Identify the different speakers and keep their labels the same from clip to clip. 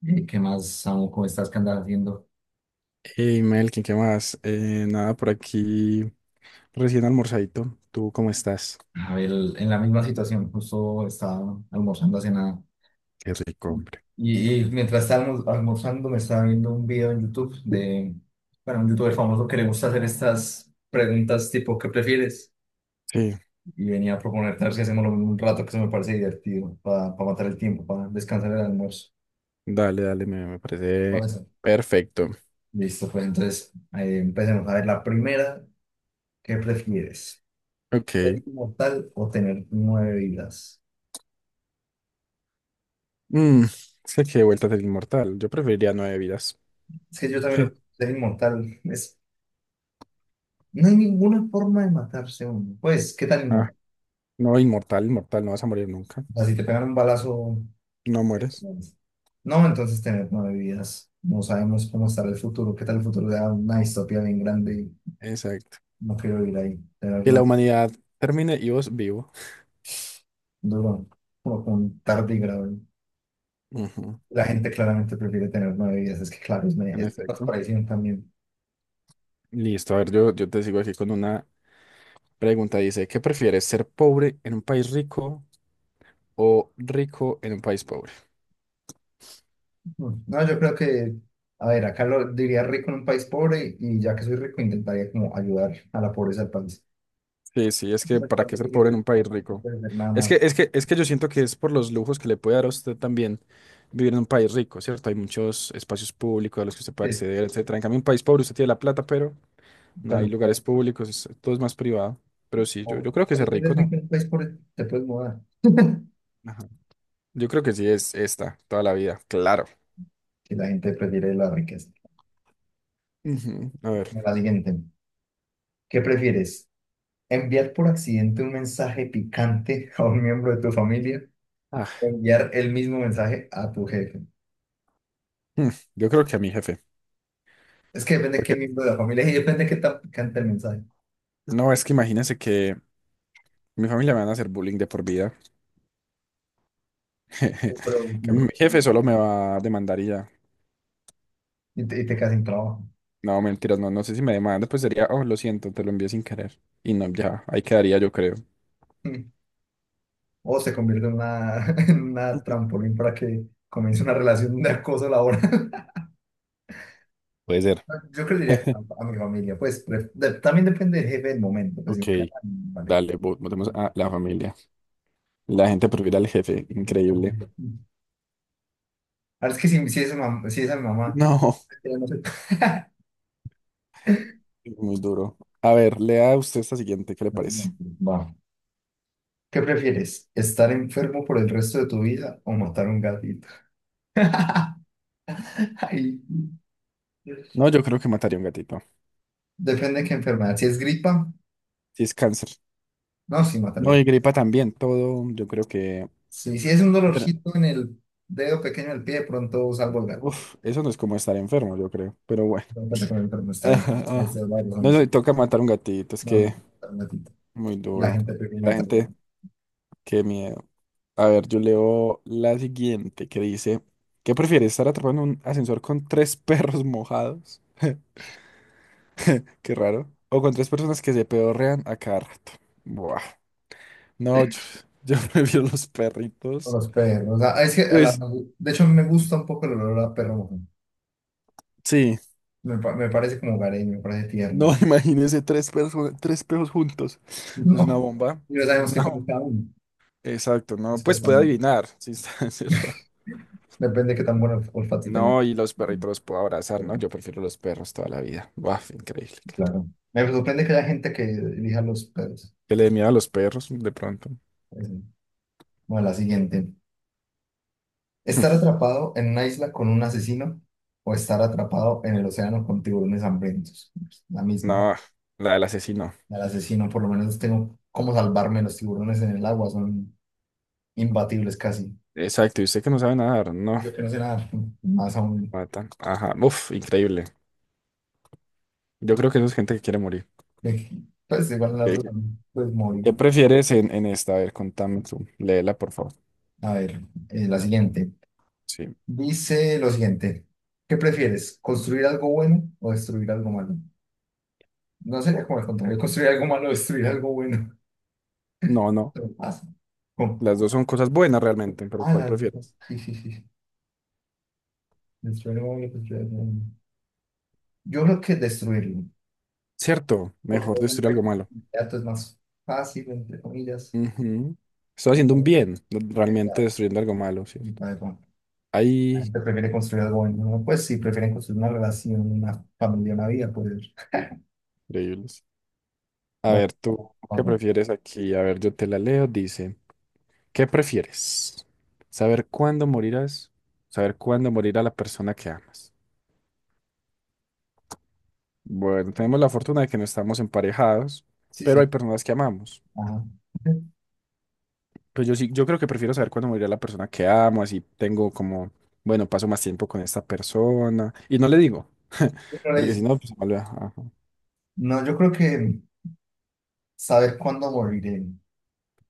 Speaker 1: ¿Y qué más, Samu? ¿Cómo estás? ¿Qué andas haciendo?
Speaker 2: Hey, Melkin, ¿qué más? Nada, por aquí recién almorzadito. ¿Tú cómo estás?
Speaker 1: A ver, en la misma situación, justo estaba almorzando hace nada.
Speaker 2: Qué rico, hombre.
Speaker 1: Y mientras estaba almorzando, me estaba viendo un video en YouTube de, bueno, un youtuber famoso que le gusta hacer estas preguntas tipo, ¿qué prefieres?
Speaker 2: Sí,
Speaker 1: Y venía a proponerte a ver si hacemos lo mismo un rato que se me parece divertido, para matar el tiempo, para descansar el almuerzo.
Speaker 2: dale, dale, me
Speaker 1: Vale,
Speaker 2: parece
Speaker 1: sí.
Speaker 2: perfecto.
Speaker 1: Listo, pues entonces empecemos. A ver, la primera, ¿qué prefieres? ¿Ser
Speaker 2: Ok.
Speaker 1: inmortal o tener nueve vidas?
Speaker 2: Mm, Sé que vuelta del inmortal. Yo preferiría nueve vidas.
Speaker 1: Es que yo también lo es inmortal. Es, no hay ninguna forma de matarse uno. Pues, ¿qué tal
Speaker 2: Ah,
Speaker 1: inmortal?
Speaker 2: no, inmortal, inmortal, no vas a morir nunca.
Speaker 1: O sea, si te pegan un balazo.
Speaker 2: No
Speaker 1: eh,
Speaker 2: mueres.
Speaker 1: No, entonces tener nueve vidas. No sabemos cómo estará el futuro. ¿Qué tal el futuro? Da una distopía bien grande. Y
Speaker 2: Exacto.
Speaker 1: no quiero vivir ahí. Tener
Speaker 2: Que la
Speaker 1: nueve
Speaker 2: humanidad termine y vos vivo.
Speaker 1: duro. Como con tardigrado.
Speaker 2: Ujú.
Speaker 1: La gente claramente prefiere tener nueve vidas. Es que, claro, es,
Speaker 2: En
Speaker 1: es más
Speaker 2: efecto.
Speaker 1: presión también.
Speaker 2: Listo, a ver, yo te sigo aquí con una pregunta. Dice, ¿qué prefieres, ser pobre en un país rico o rico en un país pobre?
Speaker 1: No, yo creo que. A ver, acá lo diría rico en un país pobre. Y ya que soy rico, intentaría como ayudar a la pobreza del país.
Speaker 2: Sí, sí, es que
Speaker 1: Pues,
Speaker 2: ¿para qué
Speaker 1: cuando que
Speaker 2: ser pobre en
Speaker 1: vive,
Speaker 2: un país
Speaker 1: bueno, no
Speaker 2: rico?
Speaker 1: puedes ver nada
Speaker 2: Es que,
Speaker 1: más.
Speaker 2: es que, es que yo siento que es por los lujos que le puede dar a usted también vivir en un país rico, ¿cierto? Hay muchos espacios públicos a los que usted puede
Speaker 1: Es,
Speaker 2: acceder, etcétera. En cambio, en un país pobre usted tiene la plata, pero no hay
Speaker 1: pero,
Speaker 2: lugares públicos, todo es más privado. Pero sí, yo,
Speaker 1: o,
Speaker 2: yo creo que
Speaker 1: pero
Speaker 2: ser
Speaker 1: si
Speaker 2: rico,
Speaker 1: eres
Speaker 2: ¿no?
Speaker 1: rico en un país pobre, te puedes mudar.
Speaker 2: Ajá. Yo creo que sí es esta, toda la vida, claro.
Speaker 1: Que la gente prefiere la riqueza.
Speaker 2: Ujú. A ver.
Speaker 1: Bueno, la siguiente. ¿Qué prefieres? ¿Enviar por accidente un mensaje picante a un miembro de tu familia o
Speaker 2: Ah,
Speaker 1: enviar el mismo mensaje a tu jefe?
Speaker 2: hmm, Yo creo que a mi jefe.
Speaker 1: Es que depende de qué
Speaker 2: Porque
Speaker 1: miembro de la familia es y depende de qué tan picante el mensaje.
Speaker 2: No, es que imagínense que mi familia me van a hacer bullying de por vida.
Speaker 1: Pero,
Speaker 2: Que mi jefe solo me va a demandar y ya.
Speaker 1: y te quedas sin trabajo.
Speaker 2: No, mentiras, no, no sé si me demanda, pues sería, oh, lo siento, te lo envié sin querer. Y no, ya, ahí quedaría, yo creo.
Speaker 1: O se convierte en una, en una
Speaker 2: Ujú.
Speaker 1: trampolín para que comience una relación de acoso laboral.
Speaker 2: Puede ser.
Speaker 1: Yo creo que diría que no, a mi familia, pues también depende del jefe del momento, pues
Speaker 2: Ok,
Speaker 1: vale.
Speaker 2: dale, votemos a la familia. La gente prefiere al jefe, increíble.
Speaker 1: Ahora es que si es si es a mi mamá,
Speaker 2: No,
Speaker 1: ya no sé.
Speaker 2: muy duro. A ver, lea usted esta siguiente, ¿qué le
Speaker 1: La
Speaker 2: parece?
Speaker 1: siguiente. Va. ¿Qué prefieres? ¿Estar enfermo por el resto de tu vida o matar un gatito? Ay,
Speaker 2: No, yo creo que mataría a un gatito.
Speaker 1: depende de qué enfermedad. Si es gripa,
Speaker 2: Si es cáncer.
Speaker 1: no, sí matar
Speaker 2: No, y gripa también, todo, yo creo que...
Speaker 1: sí, si es un dolorcito en el dedo pequeño del pie, de pronto salvo el gato.
Speaker 2: Uf, eso no es como estar enfermo, yo creo, pero bueno.
Speaker 1: No, espérate, con el enfermo está
Speaker 2: Ajá,
Speaker 1: bien. Esa
Speaker 2: ajá.
Speaker 1: es la razón,
Speaker 2: No sé,
Speaker 1: sí.
Speaker 2: toca matar un gatito, es
Speaker 1: No,
Speaker 2: que
Speaker 1: matar un gatito.
Speaker 2: muy
Speaker 1: La
Speaker 2: duro.
Speaker 1: gente prefiere
Speaker 2: La
Speaker 1: matar.
Speaker 2: gente, qué miedo. A ver, yo leo la siguiente que dice, ¿qué prefieres, estar atrapado en un ascensor con tres perros mojados? Qué raro. O con tres personas que se pedorrean a cada rato. Buah. No, Yo prefiero los perritos.
Speaker 1: Los perros. O sea, es que a
Speaker 2: Pues
Speaker 1: de hecho me gusta un poco el olor a perro mojón.
Speaker 2: sí,
Speaker 1: Me, me parece como hogareño, me parece tierno.
Speaker 2: no, imagínense tres perros juntos. Es una
Speaker 1: No,
Speaker 2: bomba.
Speaker 1: y no
Speaker 2: Es
Speaker 1: sabemos qué
Speaker 2: una
Speaker 1: come
Speaker 2: bomba.
Speaker 1: cada uno.
Speaker 2: Exacto, no,
Speaker 1: Es que
Speaker 2: pues puede
Speaker 1: están
Speaker 2: adivinar. Sí, está, sí.
Speaker 1: depende de qué tan buen olfato tengan.
Speaker 2: No, y los perritos los puedo abrazar, ¿no? Yo prefiero los perros toda la vida. Buah, increíble, claro.
Speaker 1: Claro. Me sorprende que haya gente que elija los perros.
Speaker 2: Que le dé miedo a los perros de pronto.
Speaker 1: Es. Bueno, la siguiente. ¿Estar atrapado en una isla con un asesino o estar atrapado en el océano con tiburones hambrientos? La misma.
Speaker 2: No, la del asesino.
Speaker 1: Al asesino, por lo menos tengo cómo salvarme. Los tiburones en el agua son imbatibles casi.
Speaker 2: Exacto, y usted que no sabe nadar, no.
Speaker 1: Yo que no sé nada más aún.
Speaker 2: Matan. Ajá, uf, increíble. Yo creo que eso es gente que quiere morir.
Speaker 1: De. Pues igual la
Speaker 2: Ok.
Speaker 1: otra pues muy.
Speaker 2: ¿Qué prefieres en esta? A ver, contame tú. Léela, por favor.
Speaker 1: A ver, la siguiente.
Speaker 2: Sí.
Speaker 1: Dice lo siguiente. ¿Qué prefieres? ¿Construir algo bueno o destruir algo malo? No sería como el contrario, construir algo malo o destruir algo bueno.
Speaker 2: No, no.
Speaker 1: Pero pasa. ¿Cómo?
Speaker 2: Las dos son cosas buenas realmente, pero
Speaker 1: Ah,
Speaker 2: ¿cuál
Speaker 1: la digo.
Speaker 2: prefieres?
Speaker 1: Sí, sí, sí. Destruir algo bueno, construir algo bueno. Yo creo que destruirlo.
Speaker 2: Cierto,
Speaker 1: Porque
Speaker 2: mejor
Speaker 1: no es un
Speaker 2: destruir algo
Speaker 1: efecto
Speaker 2: malo.
Speaker 1: inmediato, es más fácil, entre comillas.
Speaker 2: Ujú. Estoy haciendo un bien,
Speaker 1: A
Speaker 2: realmente destruyendo algo malo, ¿cierto?
Speaker 1: ver, la
Speaker 2: Ahí,
Speaker 1: gente prefiere construir algo bueno, ¿no? Pues sí, prefieren construir una relación, una familia, una vida, pues.
Speaker 2: increíble. A
Speaker 1: Bueno,
Speaker 2: ver, ¿qué
Speaker 1: algo.
Speaker 2: prefieres aquí? A ver, yo te la leo. Dice, ¿qué prefieres? ¿Saber cuándo morirás? ¿Saber cuándo morirá la persona que amas? Bueno, tenemos la fortuna de que no estamos emparejados,
Speaker 1: Sí,
Speaker 2: pero hay
Speaker 1: sí.
Speaker 2: personas que amamos.
Speaker 1: Ajá.
Speaker 2: Pues yo sí, yo creo que prefiero saber cuándo morirá la persona que amo, así tengo como, bueno, paso más tiempo con esta persona. Y no le digo,
Speaker 1: Pero
Speaker 2: porque
Speaker 1: es.
Speaker 2: si no, pues se me olvida. Ajá.
Speaker 1: No, yo creo que saber cuándo moriré,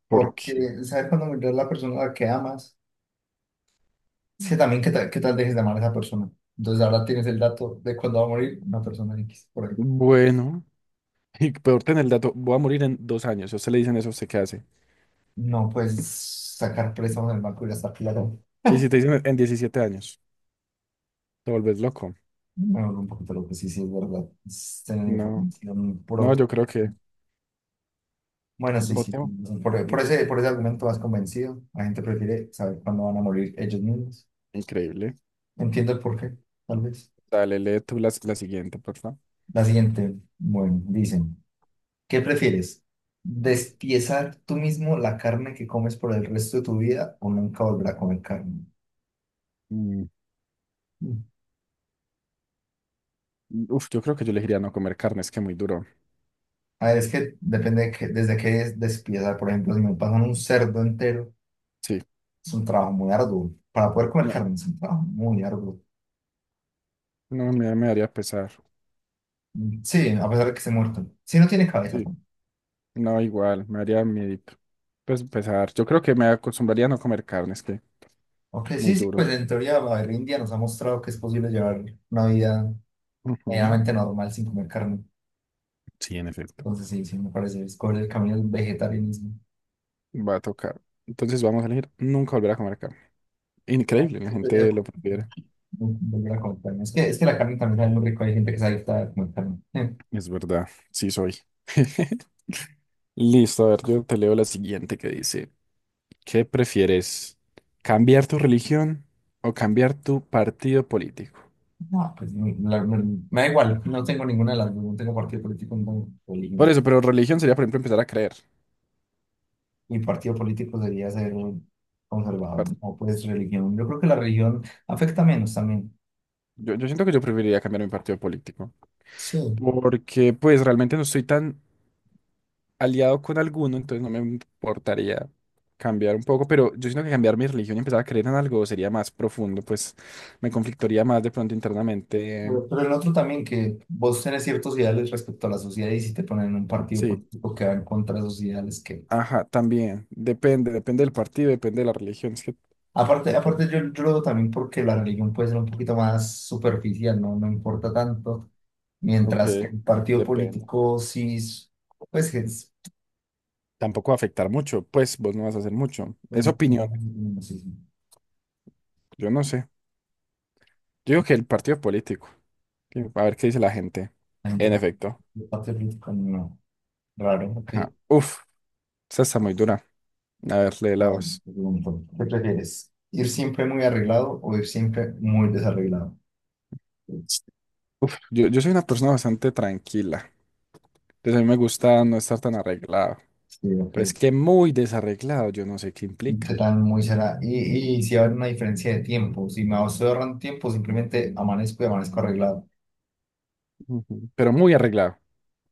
Speaker 2: ¿Por
Speaker 1: porque saber cuándo morirá la persona a la que amas, es que también qué tal dejes de amar a esa persona. Entonces ahora tienes el dato de cuándo va a morir una persona X por ahí.
Speaker 2: Bueno, y peor tener el dato, voy a morir en 2 años. Si a usted le dicen eso, ¿usted qué hace?
Speaker 1: No puedes sacar préstamos en el banco y gastar plata.
Speaker 2: Y si te dicen en 17 años. Te vuelves loco.
Speaker 1: Bueno, un poquito lo que sí, sí es verdad. Es tener
Speaker 2: No,
Speaker 1: información
Speaker 2: no,
Speaker 1: propia.
Speaker 2: Yo creo que
Speaker 1: Bueno, sí, sí.
Speaker 2: votemos.
Speaker 1: Por ese, por ese argumento vas convencido. La gente prefiere saber cuándo van a morir ellos mismos.
Speaker 2: Increíble.
Speaker 1: Entiendo el porqué, tal vez.
Speaker 2: Dale, lee tú la siguiente, por favor.
Speaker 1: La siguiente, bueno, dicen, ¿qué prefieres? ¿Despiezar tú mismo la carne que comes por el resto de tu vida o nunca volver a comer carne?
Speaker 2: Mm,
Speaker 1: Mm.
Speaker 2: Uf, yo creo que yo elegiría no comer carne, es que muy duro.
Speaker 1: A ver, es que depende de que, desde qué es despiezar. Por ejemplo, si me pasan un cerdo entero,
Speaker 2: Sí,
Speaker 1: es un trabajo muy arduo. Para poder comer
Speaker 2: no,
Speaker 1: carne es un trabajo muy arduo.
Speaker 2: me haría pesar.
Speaker 1: Mm, sí, a pesar de que esté muerto. Si no tiene cabeza,
Speaker 2: Sí, no, igual, me haría miedito. Pues pesar. Yo creo que me acostumbraría a no comer carne, es que
Speaker 1: ok,
Speaker 2: muy
Speaker 1: sí, sí,
Speaker 2: duro.
Speaker 1: pues en teoría la India nos ha mostrado que es posible llevar una vida
Speaker 2: Ujú.
Speaker 1: medianamente normal sin comer carne.
Speaker 2: Sí, en efecto.
Speaker 1: Entonces sí, sí, me parece, escoger el camino del vegetarianismo.
Speaker 2: Va a tocar. Entonces vamos a elegir nunca volver a comer carne.
Speaker 1: No,
Speaker 2: Increíble, la
Speaker 1: yo estoy de
Speaker 2: gente lo prefiere.
Speaker 1: no, volver a comer carne. Es que la carne también es muy rico, hay gente que se adicta a comer carne.
Speaker 2: Es verdad, sí soy. Listo, a ver, yo te leo la siguiente que dice, ¿qué prefieres? ¿Cambiar tu religión o cambiar tu partido político?
Speaker 1: No, pues no, me da igual, no tengo ninguna de las dos, no tengo partido político, no tengo
Speaker 2: Por
Speaker 1: religión.
Speaker 2: eso, pero religión sería, por ejemplo, empezar a creer.
Speaker 1: Mi partido político sería ser conservador,
Speaker 2: Par-
Speaker 1: o pues religión. Yo creo que la religión afecta menos también.
Speaker 2: yo siento que yo preferiría cambiar mi partido político,
Speaker 1: Sí.
Speaker 2: porque pues realmente no estoy tan aliado con alguno, entonces no me importaría cambiar un poco, pero yo siento que cambiar mi religión y empezar a creer en algo sería más profundo, pues me conflictaría más de pronto internamente.
Speaker 1: Pero el otro también, que vos tenés ciertos ideales respecto a la sociedad y si te ponen en un partido
Speaker 2: Sí.
Speaker 1: político que va en contra de esos ideales que...
Speaker 2: Ajá, también. Depende, depende del partido, depende de la religión. Es que
Speaker 1: Aparte,
Speaker 2: depende.
Speaker 1: aparte yo, yo lo veo también porque la religión puede ser un poquito más superficial, no me importa tanto,
Speaker 2: Ok,
Speaker 1: mientras que el partido
Speaker 2: depende.
Speaker 1: político sí, es. Pues es...
Speaker 2: Tampoco va a afectar mucho, pues vos no vas a hacer mucho.
Speaker 1: Pues,
Speaker 2: Es opinión,
Speaker 1: no, no sé si
Speaker 2: yo no sé. Yo digo que el partido político. A ver qué dice la gente.
Speaker 1: la gente
Speaker 2: En efecto.
Speaker 1: del partido político no, raro, ok.
Speaker 2: Ajá. Uf, esa está muy dura. A ver, lee la
Speaker 1: Ah,
Speaker 2: voz.
Speaker 1: te pregunto, ¿qué prefieres? ¿Ir siempre muy arreglado o ir siempre muy desarreglado?
Speaker 2: Uf, yo soy una persona bastante tranquila. Entonces a mí me gusta no estar tan arreglado.
Speaker 1: Sí, ok.
Speaker 2: Pero es que muy desarreglado, yo no sé qué
Speaker 1: Yo
Speaker 2: implica.
Speaker 1: también muy será. Y si habrá una diferencia de tiempo, si me ahorran tiempo, simplemente amanezco y amanezco arreglado.
Speaker 2: Ujú. Pero muy arreglado.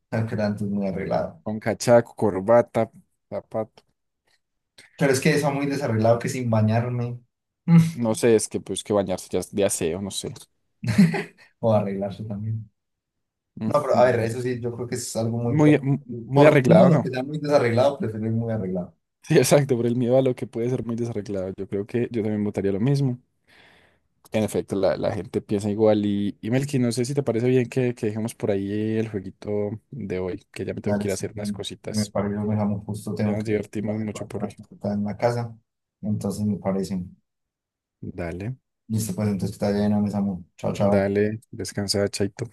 Speaker 1: Claro que tanto es muy arreglado.
Speaker 2: Con cachaco, corbata, zapato.
Speaker 1: Pero es que eso muy desarreglado que sin bañarme
Speaker 2: No sé, es que pues que bañarse ya es de aseo, no sé.
Speaker 1: o arreglarse también. No, pero a
Speaker 2: No
Speaker 1: ver,
Speaker 2: lo
Speaker 1: eso
Speaker 2: sé.
Speaker 1: sí, yo creo que es algo muy.
Speaker 2: Muy, Muy
Speaker 1: Por miedo a
Speaker 2: arreglado,
Speaker 1: lo que
Speaker 2: ¿no?
Speaker 1: sea muy desarreglado, prefiero ir muy arreglado.
Speaker 2: Sí, exacto, por el miedo a lo que puede ser muy desarreglado. Yo creo que yo también votaría lo mismo. En efecto, la gente piensa igual. Y Melqui, no sé si te parece bien que dejemos por ahí el jueguito de hoy, que ya me tengo
Speaker 1: Dale,
Speaker 2: que ir a
Speaker 1: sí,
Speaker 2: hacer unas
Speaker 1: sí, me
Speaker 2: cositas.
Speaker 1: parece, me llamo justo,
Speaker 2: Ya
Speaker 1: tengo
Speaker 2: nos
Speaker 1: que ir a
Speaker 2: divertimos
Speaker 1: hacer
Speaker 2: mucho por hoy.
Speaker 1: para en la casa. Entonces me parece.
Speaker 2: Dale,
Speaker 1: Listo, pues entonces está bien, me llamo. Chao, chao.
Speaker 2: dale, descansa, chaito.